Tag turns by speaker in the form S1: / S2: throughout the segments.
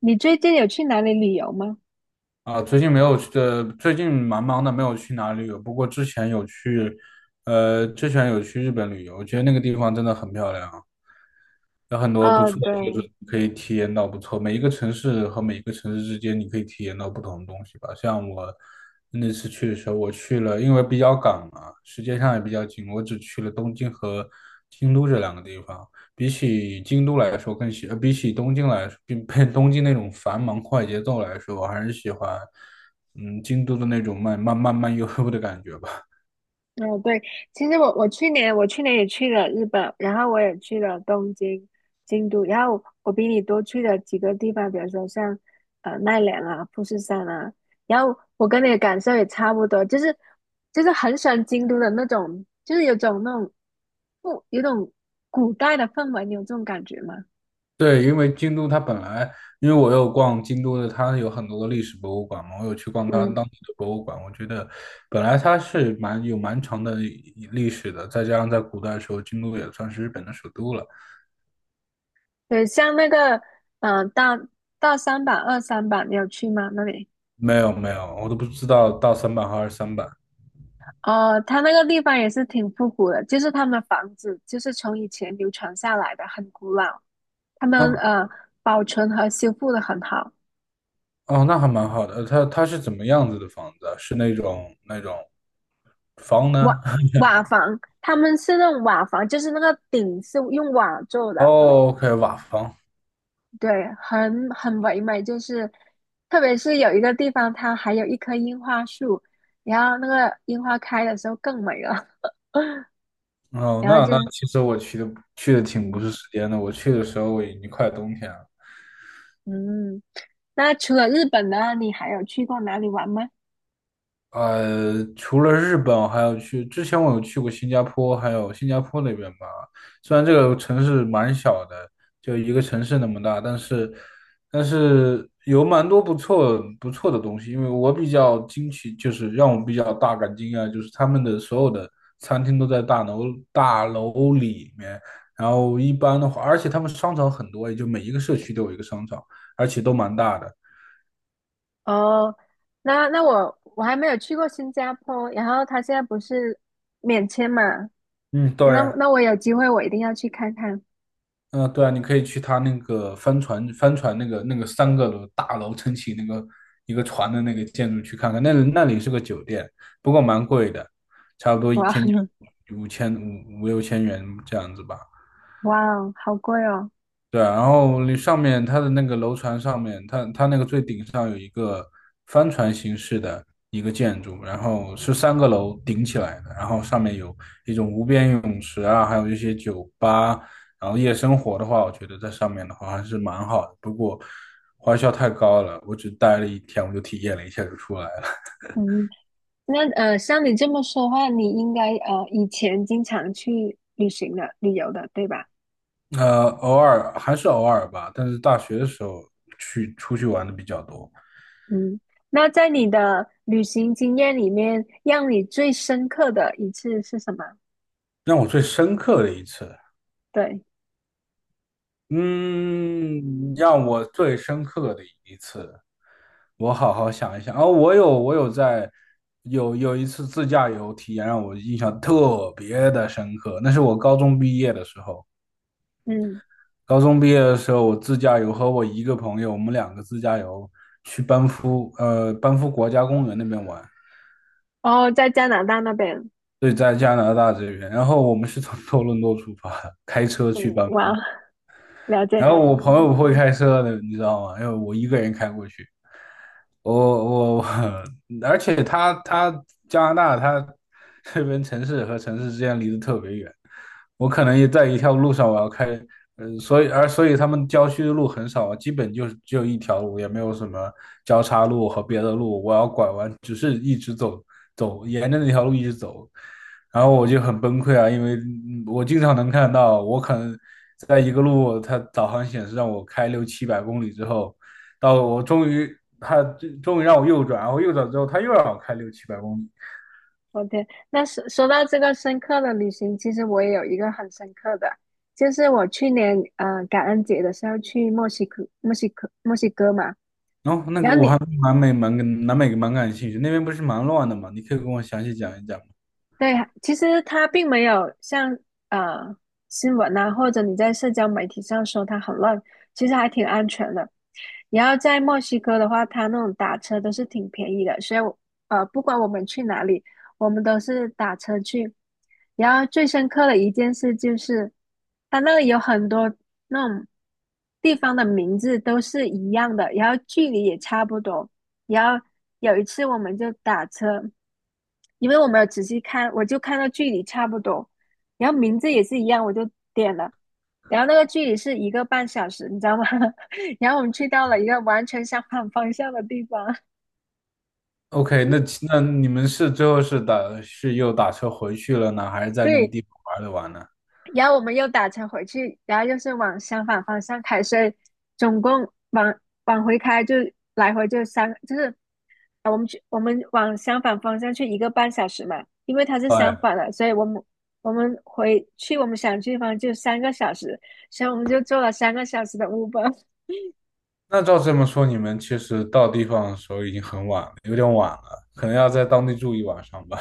S1: 你最近有去哪里旅游吗？
S2: 啊，最近没有去，最近蛮忙的，没有去哪里旅游。不过之前有去日本旅游，我觉得那个地方真的很漂亮。有很多不
S1: 哦，
S2: 错的，就
S1: 对。
S2: 是可以体验到不错。每一个城市和每一个城市之间，你可以体验到不同的东西吧。像我那次去的时候，我去了，因为比较赶嘛，时间上也比较紧，我只去了东京和京都这两个地方。比起东京来说，比 东京那种繁忙快节奏来说，我还是喜欢，京都的那种慢慢慢慢悠悠的感觉吧。
S1: 哦，对。其实我去年也去了日本，然后我也去了东京、京都。然后我比你多去了几个地方，比如说像奈良啊、富士山啊。然后我跟你的感受也差不多，就是很喜欢京都的那种，就是有种那种不有种古代的氛围。你有这种感觉吗？
S2: 对，因为我有逛京都的，它有很多的历史博物馆嘛，我有去逛它当
S1: 嗯，
S2: 地的博物馆，我觉得本来它是蛮长的一历史的，再加上在古代的时候，京都也算是日本的首都了。
S1: 对。像那个呃大大三版、二三版，你有去吗？那里？
S2: 没有没有，我都不知道到三版和二三版
S1: 哦，它那个地方也是挺复古的，就是他们房子就是从以前流传下来的，很古老。他们
S2: 啊。
S1: 保存和修复的很好。
S2: 哦，那还蛮好的。它是怎么样子的房子啊是那种房
S1: 瓦
S2: 呢？
S1: 瓦房。他们是那种瓦房，就是那个顶是用瓦做的。
S2: 哦，OK,瓦房。
S1: 对，很唯美。就是特别是有一个地方，它还有一棵樱花树，然后那个樱花开的时候更美了。
S2: 哦，
S1: 然后
S2: 那
S1: 就
S2: 那其实我去的挺不
S1: 嗯
S2: 是时间的，我去的时候已经快冬天了。
S1: 嗯，那除了日本呢，你还有去过哪里玩吗？
S2: 除了日本，还有去，之前我有去过新加坡，还有新加坡那边吧。虽然这个城市蛮小的，就一个城市那么大，但是有蛮多不错的东西。因为我比较惊奇，就是让我比较大感惊讶，就是他们的所有的餐厅都在大楼里面。然后一般的话，而且他们商场很多，也就每一个社区都有一个商场，而且都蛮大的。
S1: 哦，那我还没有去过新加坡。然后他现在不是免签嘛，
S2: 嗯，对。
S1: 那我有机会我一定要去看看。
S2: 嗯，对啊，你可以去他那个帆船那个三个楼大楼撑起那个一个船的那个建筑去看看，那里是个酒店，不过蛮贵的，差不多一
S1: 哇
S2: 天就 五六千元这样子吧。
S1: 哇哦，好贵哦。
S2: 对啊然后那上面它的那个楼船上面，它那个最顶上有一个帆船形式的一个建筑，然后是三个楼顶起来的，然后上面有一种无边泳池啊，还有一些酒吧，然后夜生活的话，我觉得在上面的话还是蛮好的，不过花销太高了，我只待了一天，我就体验了一下就出来了。
S1: 嗯，那，像你这么说的话，你应该以前经常去旅行的、旅游的，对吧？
S2: 偶尔还是偶尔吧，但是大学的时候出去玩的比较多。
S1: 嗯，那在你的旅行经验里面，让你最深刻的一次是什么？
S2: 让我最深刻的一次。
S1: 对。
S2: 嗯，让我最深刻的一次，我好好想一想。哦，我有我有在有有一次自驾游体验让我印象特别的深刻，那是我高中毕业的时候。
S1: 嗯。
S2: 高中毕业的时候，我自驾游和我一个朋友，我们两个自驾游去班夫国家公园那边玩。
S1: 哦，在加拿大那边。
S2: 对，在加拿大这边，然后我们是从多伦多出发的开车去
S1: 嗯。
S2: 班夫。
S1: 哇，了解。
S2: 然后我朋友不会开车的，你知道吗？因为我一个人开过去。我，而且加拿大这边城市和城市之间离得特别远，我可能也在一条路上我要开，所以他们郊区的路很少，基本就是只有一条路，也没有什么交叉路和别的路，我要拐弯，只是一直走走，沿着那条路一直走，然后我就很崩溃啊，因为我经常能看到，我可能在一个路，它导航显示让我开六七百公里之后。到我终于他终于让我右转，然后右转之后他又让我开六七百公里。
S1: OK，那说到这个深刻的旅行，其实我也有一个很深刻的。就是我去年感恩节的时候去墨西哥嘛。
S2: 然后那
S1: 然
S2: 个
S1: 后
S2: 我还
S1: 你
S2: 对南美蛮感兴趣，那边不是蛮乱的嘛？你可以跟我详细讲一讲吗
S1: 对，其实它并没有像呃新闻啊，或者你在社交媒体上说它很乱，其实还挺安全的。然后在墨西哥的话，它那种打车都是挺便宜的。所以我，不管我们去哪里，我们都是打车去。然后最深刻的一件事就是，它那里有很多那种地方的名字都是一样的，然后距离也差不多。然后有一次我们就打车。因为我没有仔细看，我就看到距离差不多，然后名字也是一样，我就点了。然后那个距离是一个半小时，你知道吗？然后我们去到了一个完全相反方向的地方。
S2: ？OK，那你们是最后是又打车回去了呢，还是在那个
S1: 对。
S2: 地方玩了玩呢？
S1: 然后我们又打车回去，然后又是往相反方向开。所以总共往回开就来回就三，就是啊我们去，我们往相反方向去一个半小时嘛。因为它是
S2: 哎，
S1: 相反的，所以我们回去我们想去的地方就三个小时，所以我们就坐了三个小时的 Uber。
S2: 那照这么说，你们其实到地方的时候已经很晚了，有点晚了，可能要在当地住一晚上吧。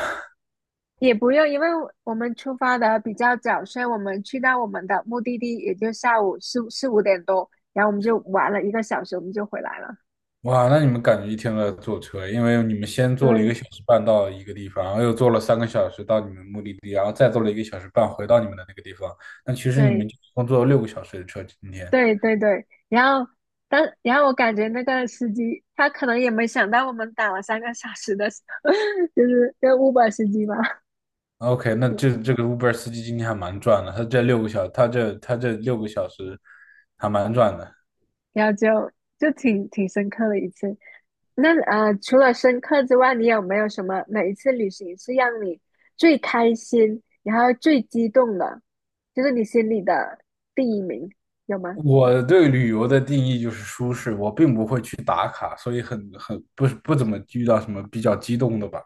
S1: 也不用，因为我们出发的比较早，所以我们去到我们的目的地也就下午四五点多，然后我们就玩了一个小时，我们就回来了。
S2: 哇，那你们感觉一天都在坐车，因为你们先坐了一
S1: 对
S2: 个小时半到一个地方，然后又坐了三个小时到你们目的地，然后再坐了一个小时半回到你们的那个地方。那其实你
S1: 对
S2: 们就一共坐了六个小时的车今天。
S1: 对对对。然后我感觉那个司机他可能也没想到我们打了三个小时的，就是那个 Uber 司机吧。
S2: OK，那
S1: 嗯
S2: 这个 Uber 司机今天还蛮赚的，他这六个小时还蛮赚的。
S1: 然后就挺深刻的一次。那，除了深刻之外，你有没有什么哪一次旅行是让你最开心，然后最激动的，就是你心里的第一名，有吗？
S2: 我对旅游的定义就是舒适，我并不会去打卡，所以很不怎么遇到什么比较激动的吧。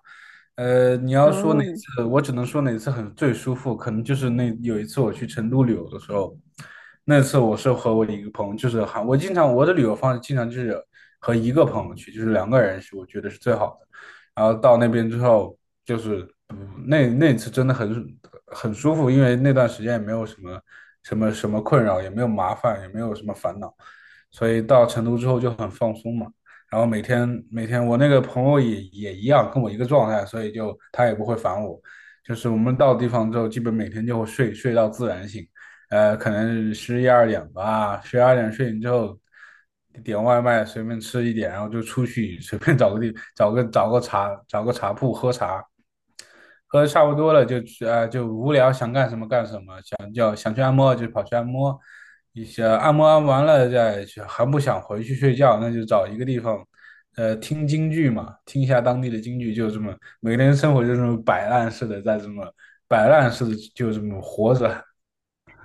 S2: 你要说
S1: 哦，
S2: 哪次，我只能说哪次很最舒服，可能就是那有一次我去成都旅游的时候，那次我是和我一个朋友，就是还我经常我的旅游方式经常就是和一个朋友去，就是两个人去，我觉得是最好的。然后到那边之后，就是那次真的很舒服，因为那段时间也没有什么困扰，也没有麻烦，也没有什么烦恼，所以到成都之后就很放松嘛。然后每天我那个朋友也一样，跟我一个状态，所以就他也不会烦我。就是我们到地方之后，基本每天就会睡到自然醒，可能十一二点吧，十一二点睡醒之后，点外卖随便吃一点，然后就出去 随便找个地找个找个茶找个茶铺喝茶，喝的差不多了就无聊想干什么干什么，想去按摩就跑去按摩，一些按摩按完了再去，还不想回去睡觉，那就找一个地方，听京剧嘛，听一下当地的京剧，就这么每个人生活就这么摆烂似的，在这么摆烂似的就这么活着。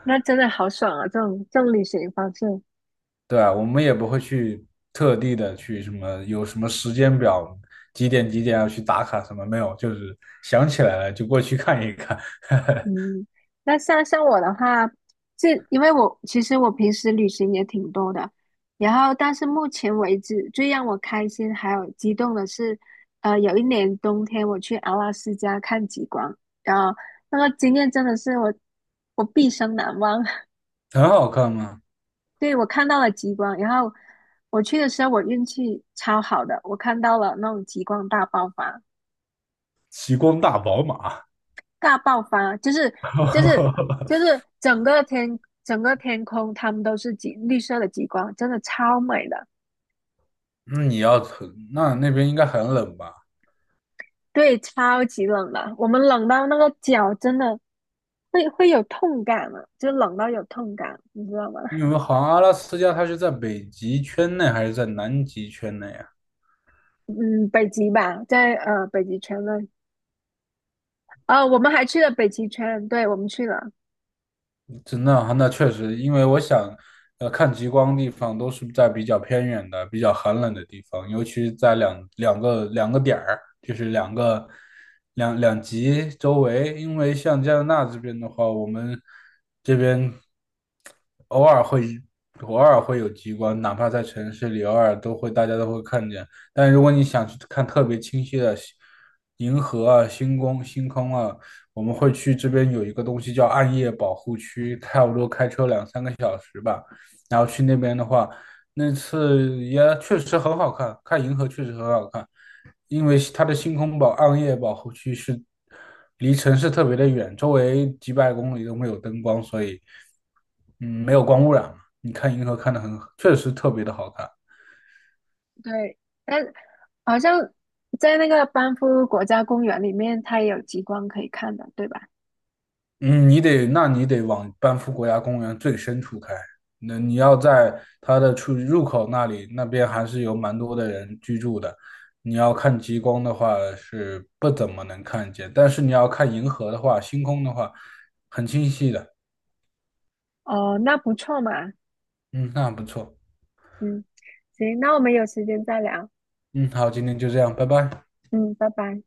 S1: 那真的好爽啊！这种旅行方式。
S2: 对啊，我们也不会去特地的去什么有什么时间表，几点几点要去打卡什么没有，就是想起来了就过去看一看。
S1: 嗯，那像我的话，因为我其实平时旅行也挺多的。然后但是目前为止最让我开心还有激动的是，有一年冬天我去阿拉斯加看极光。然后那个经验真的是我毕生难忘。
S2: 很好看吗？
S1: 对，我看到了极光。然后我去的时候我运气超好的，我看到了那种极光大爆发。
S2: 极光大宝马。
S1: 大爆发啊。就是 就是整个天空，它们都是极绿色的极光，真的超美的。
S2: 那你要那那边应该很冷吧？
S1: 对，超级冷的。我们冷到那个脚真的会有痛感了，就冷到有痛感，你知道吗？
S2: 因为好像阿拉斯加它是在北极圈内还是在南极圈内啊？
S1: 嗯，北极吧。在北极圈那里。哦，我们还去了北极圈。对，我们去了。
S2: 真的啊那确实，因为我想，看极光的地方都是在比较偏远的、比较寒冷的地方，尤其在两个点儿，就是两个两极周围。因为像加拿大这边的话，我们这边偶尔会偶尔会有极光，哪怕在城市里，偶尔都会大家都会看见。但如果你想去看特别清晰的银河啊、星空啊，我们会去这边有一个东西叫暗夜保护区，差不多开车2-3个小时吧。然后去那边的话，那次也确实很好看，看银河确实很好看，因为它的星空保暗夜保护区是离城市特别的远，周围几百公里都没有灯光，所以嗯没有光污染嘛。你看银河看的很，确实特别的好看。
S1: 对，但好像在那个班夫国家公园里面，它也有极光可以看的，对吧？
S2: 嗯，那你得往班夫国家公园最深处开。那你要在它的出入口那里，那边还是有蛮多的人居住的。你要看极光的话是不怎么能看见，但是你要看银河的话，星空的话很清晰的。
S1: 哦，那不错嘛。
S2: 嗯，那不错。
S1: 嗯，行，那我们有时间再聊。
S2: 嗯，好，今天就这样，拜拜。
S1: 嗯，拜拜。